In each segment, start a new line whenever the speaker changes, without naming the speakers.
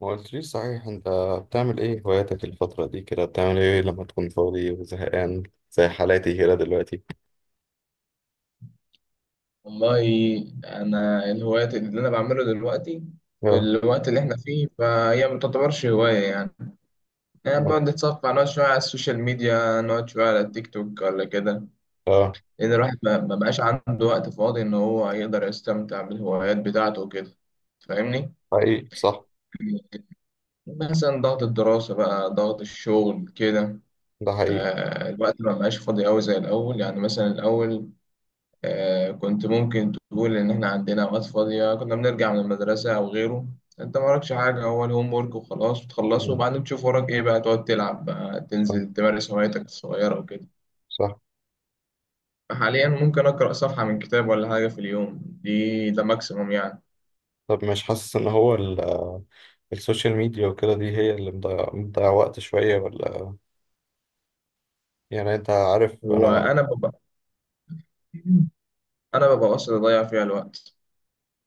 ما قلتليش صحيح، انت بتعمل ايه هواياتك الفترة دي كده؟ بتعمل ايه لما تكون فاضي وزهقان زي حالاتي كده دلوقتي؟
والله، انا الهوايات اللي انا بعمله دلوقتي في
اه.
الوقت اللي احنا فيه فهي ما تعتبرش هوايه يعني. انا
م-
بقعد اتصفح، نقعد شويه على السوشيال ميديا، نقعد شويه على التيك توك ولا كده،
اه.
لان الواحد ما بقاش عنده وقت فاضي ان هو يقدر يستمتع بالهوايات بتاعته وكده. فاهمني؟
حقيقي، صح.
مثلا ضغط الدراسه بقى، ضغط الشغل كده.
ده حقيقي.
الوقت ما بقاش فاضي قوي زي الاول يعني. مثلا الاول، كنت ممكن تقول إن إحنا عندنا أوقات فاضية، كنا بنرجع من المدرسة أو غيره، أنت ما وراكش حاجة، هو الهوم ورك وخلاص، بتخلصه
مم.
وبعدين تشوف وراك إيه بقى، تقعد تلعب بقى،
صح.
تنزل تمارس هوايتك الصغيرة وكده.
صح.
حاليا ممكن أقرأ صفحة من كتاب ولا حاجة في اليوم، دي ده ماكسيموم يعني.
طب، مش حاسس ان هو السوشيال ميديا وكده دي هي اللي مضيع وقت شوية ولا؟ يعني انت عارف انا.
وأنا ببقى أنا ببقى قصدي أضيع فيها الوقت،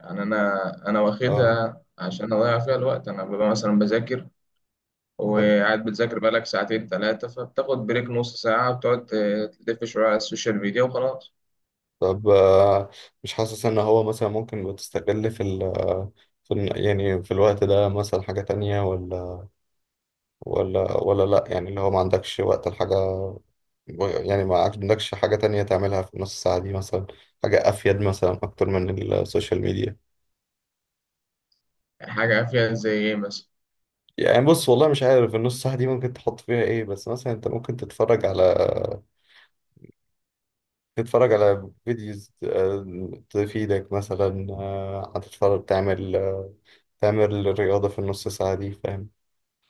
يعني أنا
اه.
واخدها عشان أضيع فيها الوقت. أنا ببقى مثلا بذاكر،
فاهم.
وقاعد بتذاكر بقالك ساعتين ثلاثة، فبتاخد بريك نص ساعة، بتقعد تلف شوية على السوشيال ميديا وخلاص.
طب مش حاسس ان هو مثلا ممكن بتستغل في ال آه، في ال- يعني في الوقت ده مثلا حاجة تانية ولا لأ؟ يعني اللي هو ما عندكش وقت الحاجة. يعني ما عندكش حاجة تانية تعملها في نص ساعة دي مثلا؟ حاجة أفيد مثلا أكتر من السوشيال ميديا؟
يعني حاجة فيها زي إيه مثلا؟
يعني بص، والله مش عارف النص ساعة دي ممكن تحط فيها إيه، بس مثلا أنت ممكن تتفرج على فيديوز تفيدك مثلا، هتتفرج، تعمل رياضة في النص ساعة دي، فاهم؟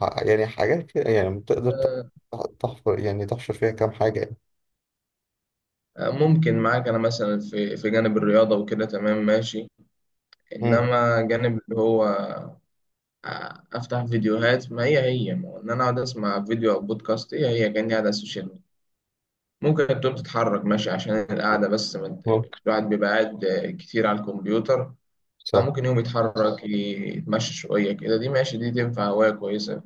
يعني حاجات كده، يعني تقدر
آه،
تحفر يعني تحشر فيها كام حاجة يعني.
ممكن معاك أنا مثلا في جانب الرياضة وكده، تمام ماشي.
مم،
إنما جانب اللي هو أفتح فيديوهات، ما هي ما هو إن أنا أقعد أسمع فيديو أو بودكاست، هي كأني قاعد على السوشيال ميديا. ممكن تقوم تتحرك ماشي عشان القعدة، بس ما ت-
ممكن.
الواحد بيبقى قاعد كتير على الكمبيوتر،
صح.
فممكن يوم يتحرك يتمشى شوية كده، دي ماشي، دي تنفع هواية كويسة.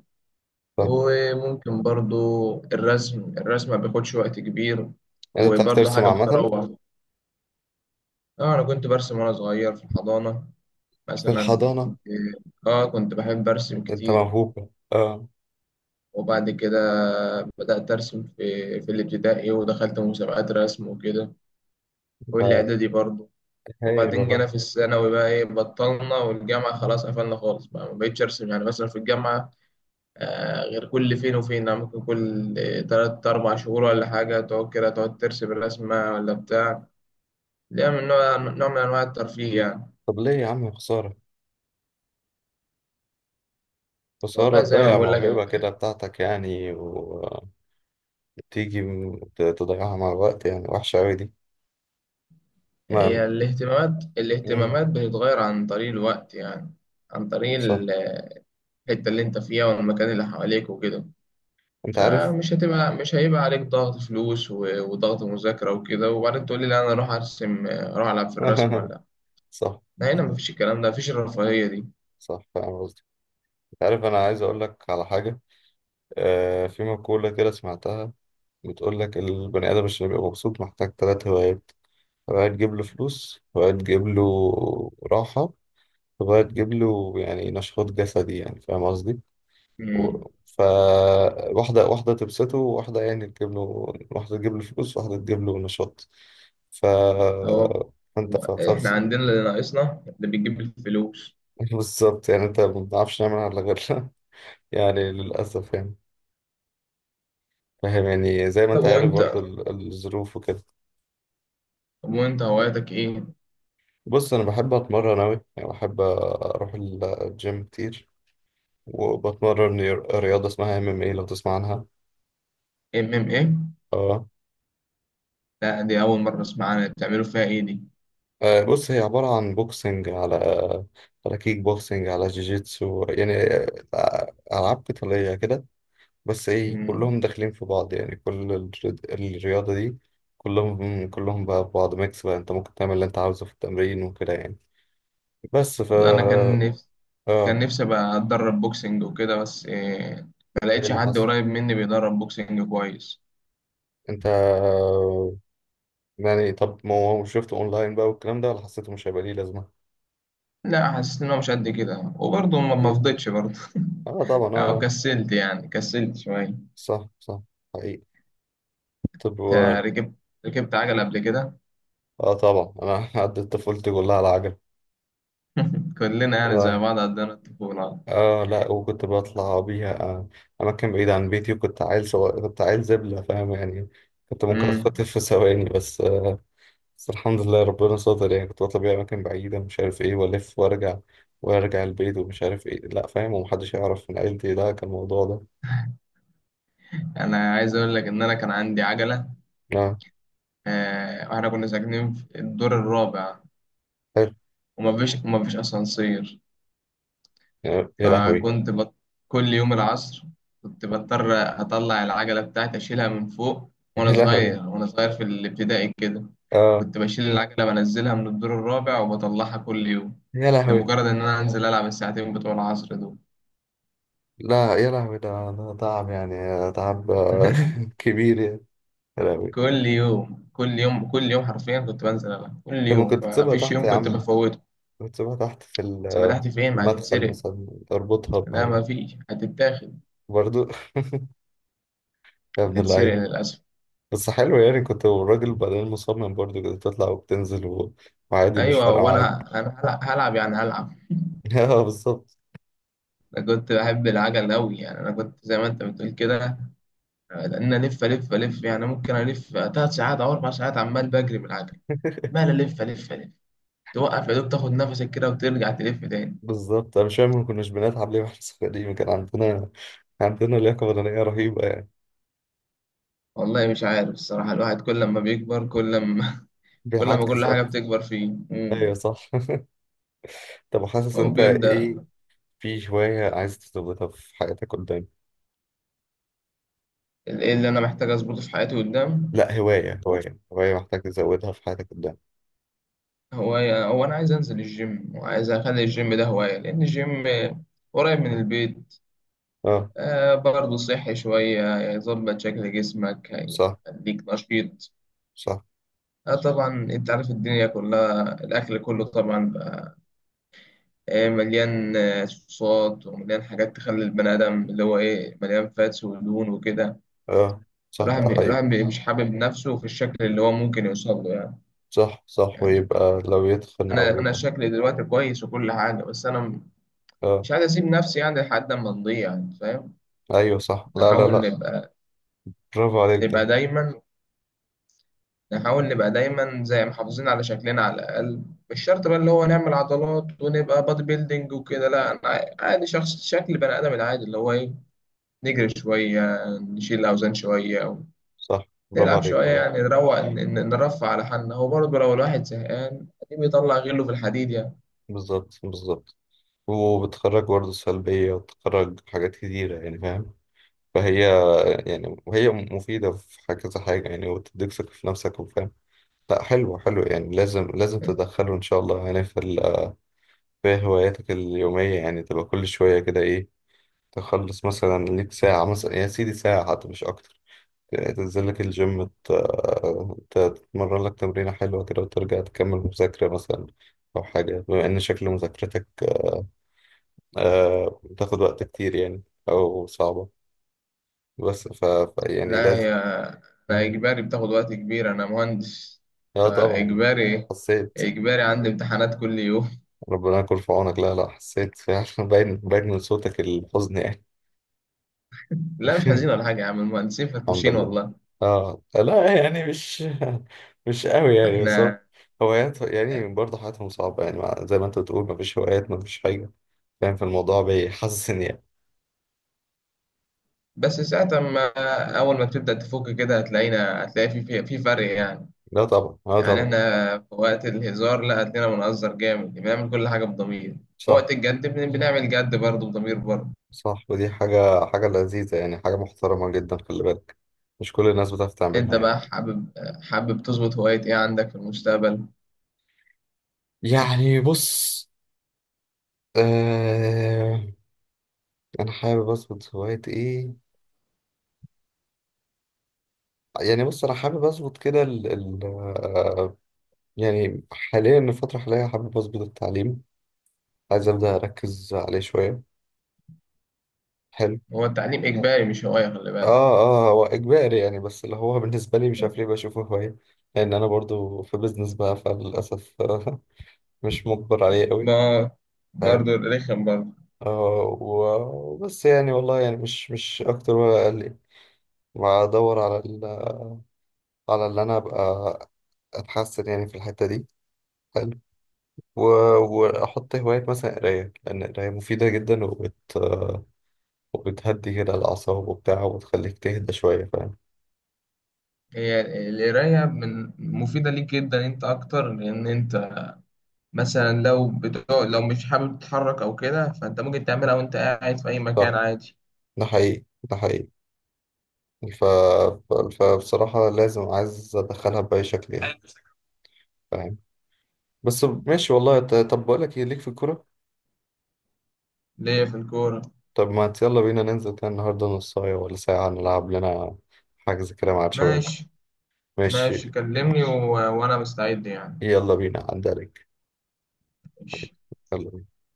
صح.
وممكن برضو الرسم ما بياخدش وقت كبير،
يعني انت بتعرف
وبرضو
ترسم
حاجة
عامة؟
بتروح. اه، أنا كنت برسم وأنا صغير في الحضانة.
في
مثلا
الحضانة؟
كنت، اه، كنت بحب أرسم
انت
كتير،
موهوب، اه.
وبعد كده بدأت أرسم في الابتدائي، ودخلت مسابقات رسم وكده،
انت
والإعدادي برضو.
هايل
وبعدين جينا
والله.
في الثانوي بقى إيه، بطلنا، والجامعة خلاص قفلنا خالص، بقى ما بقتش أرسم. يعني مثلا في الجامعة، غير كل فين وفين يعني، ممكن كل تلات أربع شهور ولا حاجة، تقعد كده تقعد ترسم الرسمة ولا بتاع، ليها من نوع من أنواع الترفيه يعني.
طب ليه يا عم؟ خسارة، خسارة
والله زي ما
تضيع
بقول لك
موهبة كده بتاعتك يعني. وتيجي تضيعها مع الوقت، يعني وحشة أوي دي. ما
هي الاهتمامات،
مم.
الاهتمامات بتتغير عن طريق الوقت يعني، عن طريق
صح.
الحتة اللي أنت فيها والمكان اللي حواليك وكده.
انت عارف؟
فمش هتبقى، مش هيبقى عليك ضغط فلوس وضغط مذاكرة وكده، وبعدين تقول لي لا أنا أروح أرسم، أروح ألعب في الرسم ولا.
صح.
لا، هنا
صح.
مفيش الكلام ده، مفيش الرفاهية
صح فاهم قصدي. انت عارف، انا عايز اقول لك على حاجة. آه، في مقولة كده سمعتها. بتقول لك البني آدم عشان يبقى مبسوط محتاج ثلاث هوايات: هواية تجيب له فلوس، هواية تجيب له راحة، تبغى تجيب له يعني نشاط جسدي، يعني فاهم قصدي؟
دي.
و... فواحدة واحدة تبسطه، وواحدة يعني تجيب له، واحدة تجيب له فلوس، واحدة تجيب له نشاط. ف
هو
انت
هو
ف...
احنا
ف...
عندنا اللي ناقصنا اللي بيجيب الفلوس.
بالظبط، يعني انت ما بنعرفش نعمل على غيرنا. يعني للأسف يعني. فاهم يعني، زي ما
طب
انت عارف
وانت،
برضه الظروف وكده.
طب وانت هواياتك ايه؟
بص، انا بحب اتمرن اوي يعني، بحب اروح الجيم كتير وبتمرن رياضة اسمها MMA، لو تسمع عنها؟
ام ام ايه؟
آه.
لا، دي اول مره اسمع عنها. بتعملوا فيها ايه دي؟
بص، هي عبارة عن بوكسنج على كيك بوكسنج، على جيجيتسو يعني. ألعاب قتالية كده. بس إيه،
مم.
كلهم داخلين في بعض يعني كل الرياضة دي، كلهم بقى في بعض، ميكس بقى، أنت ممكن تعمل اللي أنت عاوزه في التمرين وكده يعني. بس ف
والله انا كان نفسي، كان
آه
نفسي ابقى اتدرب بوكسنج وكده، بس إيه، ما
إيه
لقيتش
اللي
حد
حصل؟
قريب مني بيدرب بوكسنج كويس.
أنت يعني، طب ما هو شفته أونلاين بقى والكلام ده، ولا حسيته مش هيبقى ليه لازمة؟
لا، حسيت ان هو مش قد كده، وبرضه ما
أكيد.
فضيتش برضه
آه طبعا.
او
آه.
كسلت يعني، كسلت شويه.
صح. صح. حقيقي. طب
انت ركبت، ركبت عجله قبل كده؟
اه طبعا، انا عدت طفولتي كلها على عجل.
كلنا يعني زي
والله.
بعض عندنا الطفوله.
اه لا، وكنت بطلع بيها اماكن بعيدة عن بيتي، وكنت عيل صغير، كنت عيل زبلة فاهم يعني. كنت ممكن
مم.
اتخطف في ثواني، بس آه. بس الحمد لله ربنا ستر يعني. كنت بطلع بيها اماكن بعيدة مش عارف ايه، والف وارجع، وارجع البيت ومش عارف ايه، لا فاهم، ومحدش يعرف من عيلتي، لا كان الموضوع ده.
انا عايز اقول لك ان انا كان عندي عجله،
لا
واحنا كنا ساكنين في الدور الرابع،
حلو.
وما فيش اسانسير.
يا لهوي.
فكنت بط... كل يوم العصر كنت بضطر اطلع العجله بتاعتي، اشيلها من فوق،
يا
وانا
لهوي.
صغير، وانا صغير في الابتدائي كده.
اه
كنت بشيل العجله، بنزلها من الدور الرابع وبطلعها كل يوم،
يا لهوي.
لمجرد ان انا انزل العب الساعتين بتوع العصر دول.
لا يا لهوي، ده تعب يعني، تعب، كبير يعني. يا لهوي.
كل يوم، كل يوم، كل يوم، حرفيا كنت بنزل العب كل
كان
يوم،
ممكن
ما
تسيبها
فيش
تحت
يوم
يا
كنت
عم،
بفوته.
تسيبها تحت في
سبتحتي
في
فين، ما
المدخل
هتتسرق؟
مثلا، اربطها
لا،
بحاجة.
ما فيش، هتتاخد،
برضو يا ابن
هتتسرق
اللعيبة.
للأسف.
بس حلو يعني، كنت الراجل بعدين مصمم برضو كده تطلع وبتنزل وعادي مش
أيوة،
فارقة
وأنا
معاك.
أنا أنا هلع- هلعب يعني، هلعب.
اه بالظبط
أنا كنت بحب العجل أوي يعني، أنا كنت زي ما أنت بتقول كده، لأن ألف ألف ألف يعني، ممكن ألف تلات ساعات أو أربع ساعات، عمال بجري بالعجل، عمال ألف ألف ألف، توقف يا دوب تاخد نفسك كده وترجع تلف تاني.
بالظبط. انا مش فاهم، ما كناش بنلعب ليه واحنا صغيرين؟ كان عندنا لياقة بدنية رهيبة يعني.
والله مش عارف الصراحة، الواحد كل ما بيكبر، كل ما كل ما
بيعكس
كل حاجة
أكتر؟
بتكبر فيه. مم.
أيوة صح. طب حاسس
هو
أنت إيه
بيبدأ.
في هواية عايز تزودها في حياتك قدام؟
إيه اللي أنا محتاج أظبطه في حياتي قدام؟
لا، هواية، هواية هواية محتاج تزودها في حياتك قدام.
هواية، هو أنا عايز أنزل الجيم، وعايز أخلي الجيم ده هواية، لأن الجيم قريب من البيت.
آه.
آه، برضه صحي شوية، يظبط شكل جسمك،
صح.
هيخليك نشيط.
صح.
آه طبعا، أنت عارف الدنيا كلها، الأكل كله طبعا بقى آه مليان، صوصات، ومليان حاجات تخلي البني آدم اللي هو إيه، مليان فاتس ودهون وكده.
اه صح، ده حقيقي.
مش حابب نفسه في الشكل اللي هو ممكن يوصل له يعني.
صح. صح.
يعني
ويبقى لو يتخن او
أنا
يبقى،
شكلي دلوقتي كويس وكل حاجة، بس أنا
اه
مش عايز اسيب نفسي يعني لحد ما نضيع يعني، فاهم؟ اه.
ايوه صح. لا، لا،
نحاول لا
لا.
نبقى
برافو عليك جدا.
نبقى دايما، نحاول نبقى دايما زي محافظين على شكلنا على الاقل. مش شرط بقى اللي هو نعمل عضلات ونبقى بادي بيلدينج وكده، لا، انا عادي، شخص شكل بني ادم العادي اللي هو ايه، نجري شويه، نشيل اوزان شويه،
صح برافو
نلعب
عليك
شويه
والله.
يعني، نروق، نرفع على حالنا. هو برضه لو الواحد زهقان أكيد بيطلع غله في الحديد يعني.
بالظبط بالظبط، وبتخرج برضه سلبية، وبتخرج حاجات كتيرة يعني فاهم. فهي يعني، وهي مفيدة في كذا حاجة يعني، وتديك ثقة في نفسك وفاهم. لا حلو حلو يعني، لازم لازم تدخله إن شاء الله يعني في في هواياتك اليومية. يعني تبقى كل شوية كده إيه، تخلص مثلا، ليك ساعة مثلا يا سيدي، ساعة حتى مش أكتر. تنزل لك الجيم، تتمرن لك تمرينة حلوة كده، وترجع تكمل مذاكرة مثلا أو حاجة، بما إن شكل مذاكرتك بتاخد وقت كتير يعني، أو صعبة. بس ف... ف يعني
لا،
لازم.
هي أنا
مم.
إجباري بتاخد وقت كبير، أنا مهندس
اه طبعا
فإجباري،
حسيت.
إجباري عندي امتحانات كل يوم.
ربنا يكون في عونك. لا لا حسيت فعلا، باين باين من صوتك الحزن يعني.
لا، مش حزين ولا حاجة يا عم، المهندسين
الحمد
فرفوشين
لله.
والله.
اه لا يعني مش مش قوي يعني، بس
إحنا
هوايات يعني برضه حياتهم صعبة يعني، زي ما انت بتقول مفيش هوايات، مفيش حاجة فاهم، في الموضوع بيحسسني يعني.
بس ساعة ما، أول ما تبدأ تفك كده، هتلاقينا، هتلاقي في فرق يعني.
لا طبعا. لا
يعني
طبعا.
إحنا في وقت الهزار لا، هتلاقينا بنهزر جامد، بنعمل كل حاجة بضمير، وقت
صح.
الجد بنعمل جد برضه بضمير برضه.
صح. ودي حاجة حاجة لذيذة يعني، حاجة محترمة جدا خلي بالك. مش كل الناس بتعرف تعملها
أنت
يعني.
بقى حابب، حابب تظبط هواية إيه عندك في المستقبل؟
يعني بص، آه انا حابب اظبط هواية ايه؟ يعني بص، انا حابب اظبط كده ال ال آه يعني حاليا الفترة الحالية حابب اظبط التعليم، عايز أبدأ أركز عليه شوية. حلو.
هو التعليم إجباري مش هواية، خلي بالك.
آه. آه هو إجباري يعني، بس اللي هو بالنسبة لي مش عارف ليه بشوفه هواية، لأن أنا برضو في بيزنس بقى فللأسف مش مجبر عليه قوي.
ما
فاهم.
برضه رخم برضه.
آه وبس يعني، والله يعني مش أكتر ولا أقل يعني. وأدور على على اللي أنا أبقى أتحسن يعني في الحتة دي. حلو. و... وأحط هواية مثلا قراية، لأن القراية مفيدة جدا وبتهدي كده الأعصاب وبتاع، وتخليك تهدى شوية فاهم.
هي القراية من مفيدة ليك جدا انت اكتر، لان انت مثلا لو بتقعد، لو مش حابب تتحرك او كده، فانت ممكن تعملها وانت قاعد في اي مكان
صح.
عادي.
ده حقيقي. ده حقيقي. ف... فبصراحة لازم، عايز أدخلها بأي شكل يعني فاهم. بس ماشي والله. طب بقول لك إيه ليك في الكورة؟
ليا في الكورة؟
طب ما يلا بينا ننزل كده النهاردة نصاية ولا ساعة، نلعب لنا حجز كده مع الشباب.
ماشي.
ماشي.
ماشي كلمني، و... وانا مستعد يعني.
يلا بينا عدى عليك.
ماشي.
يلا بينا.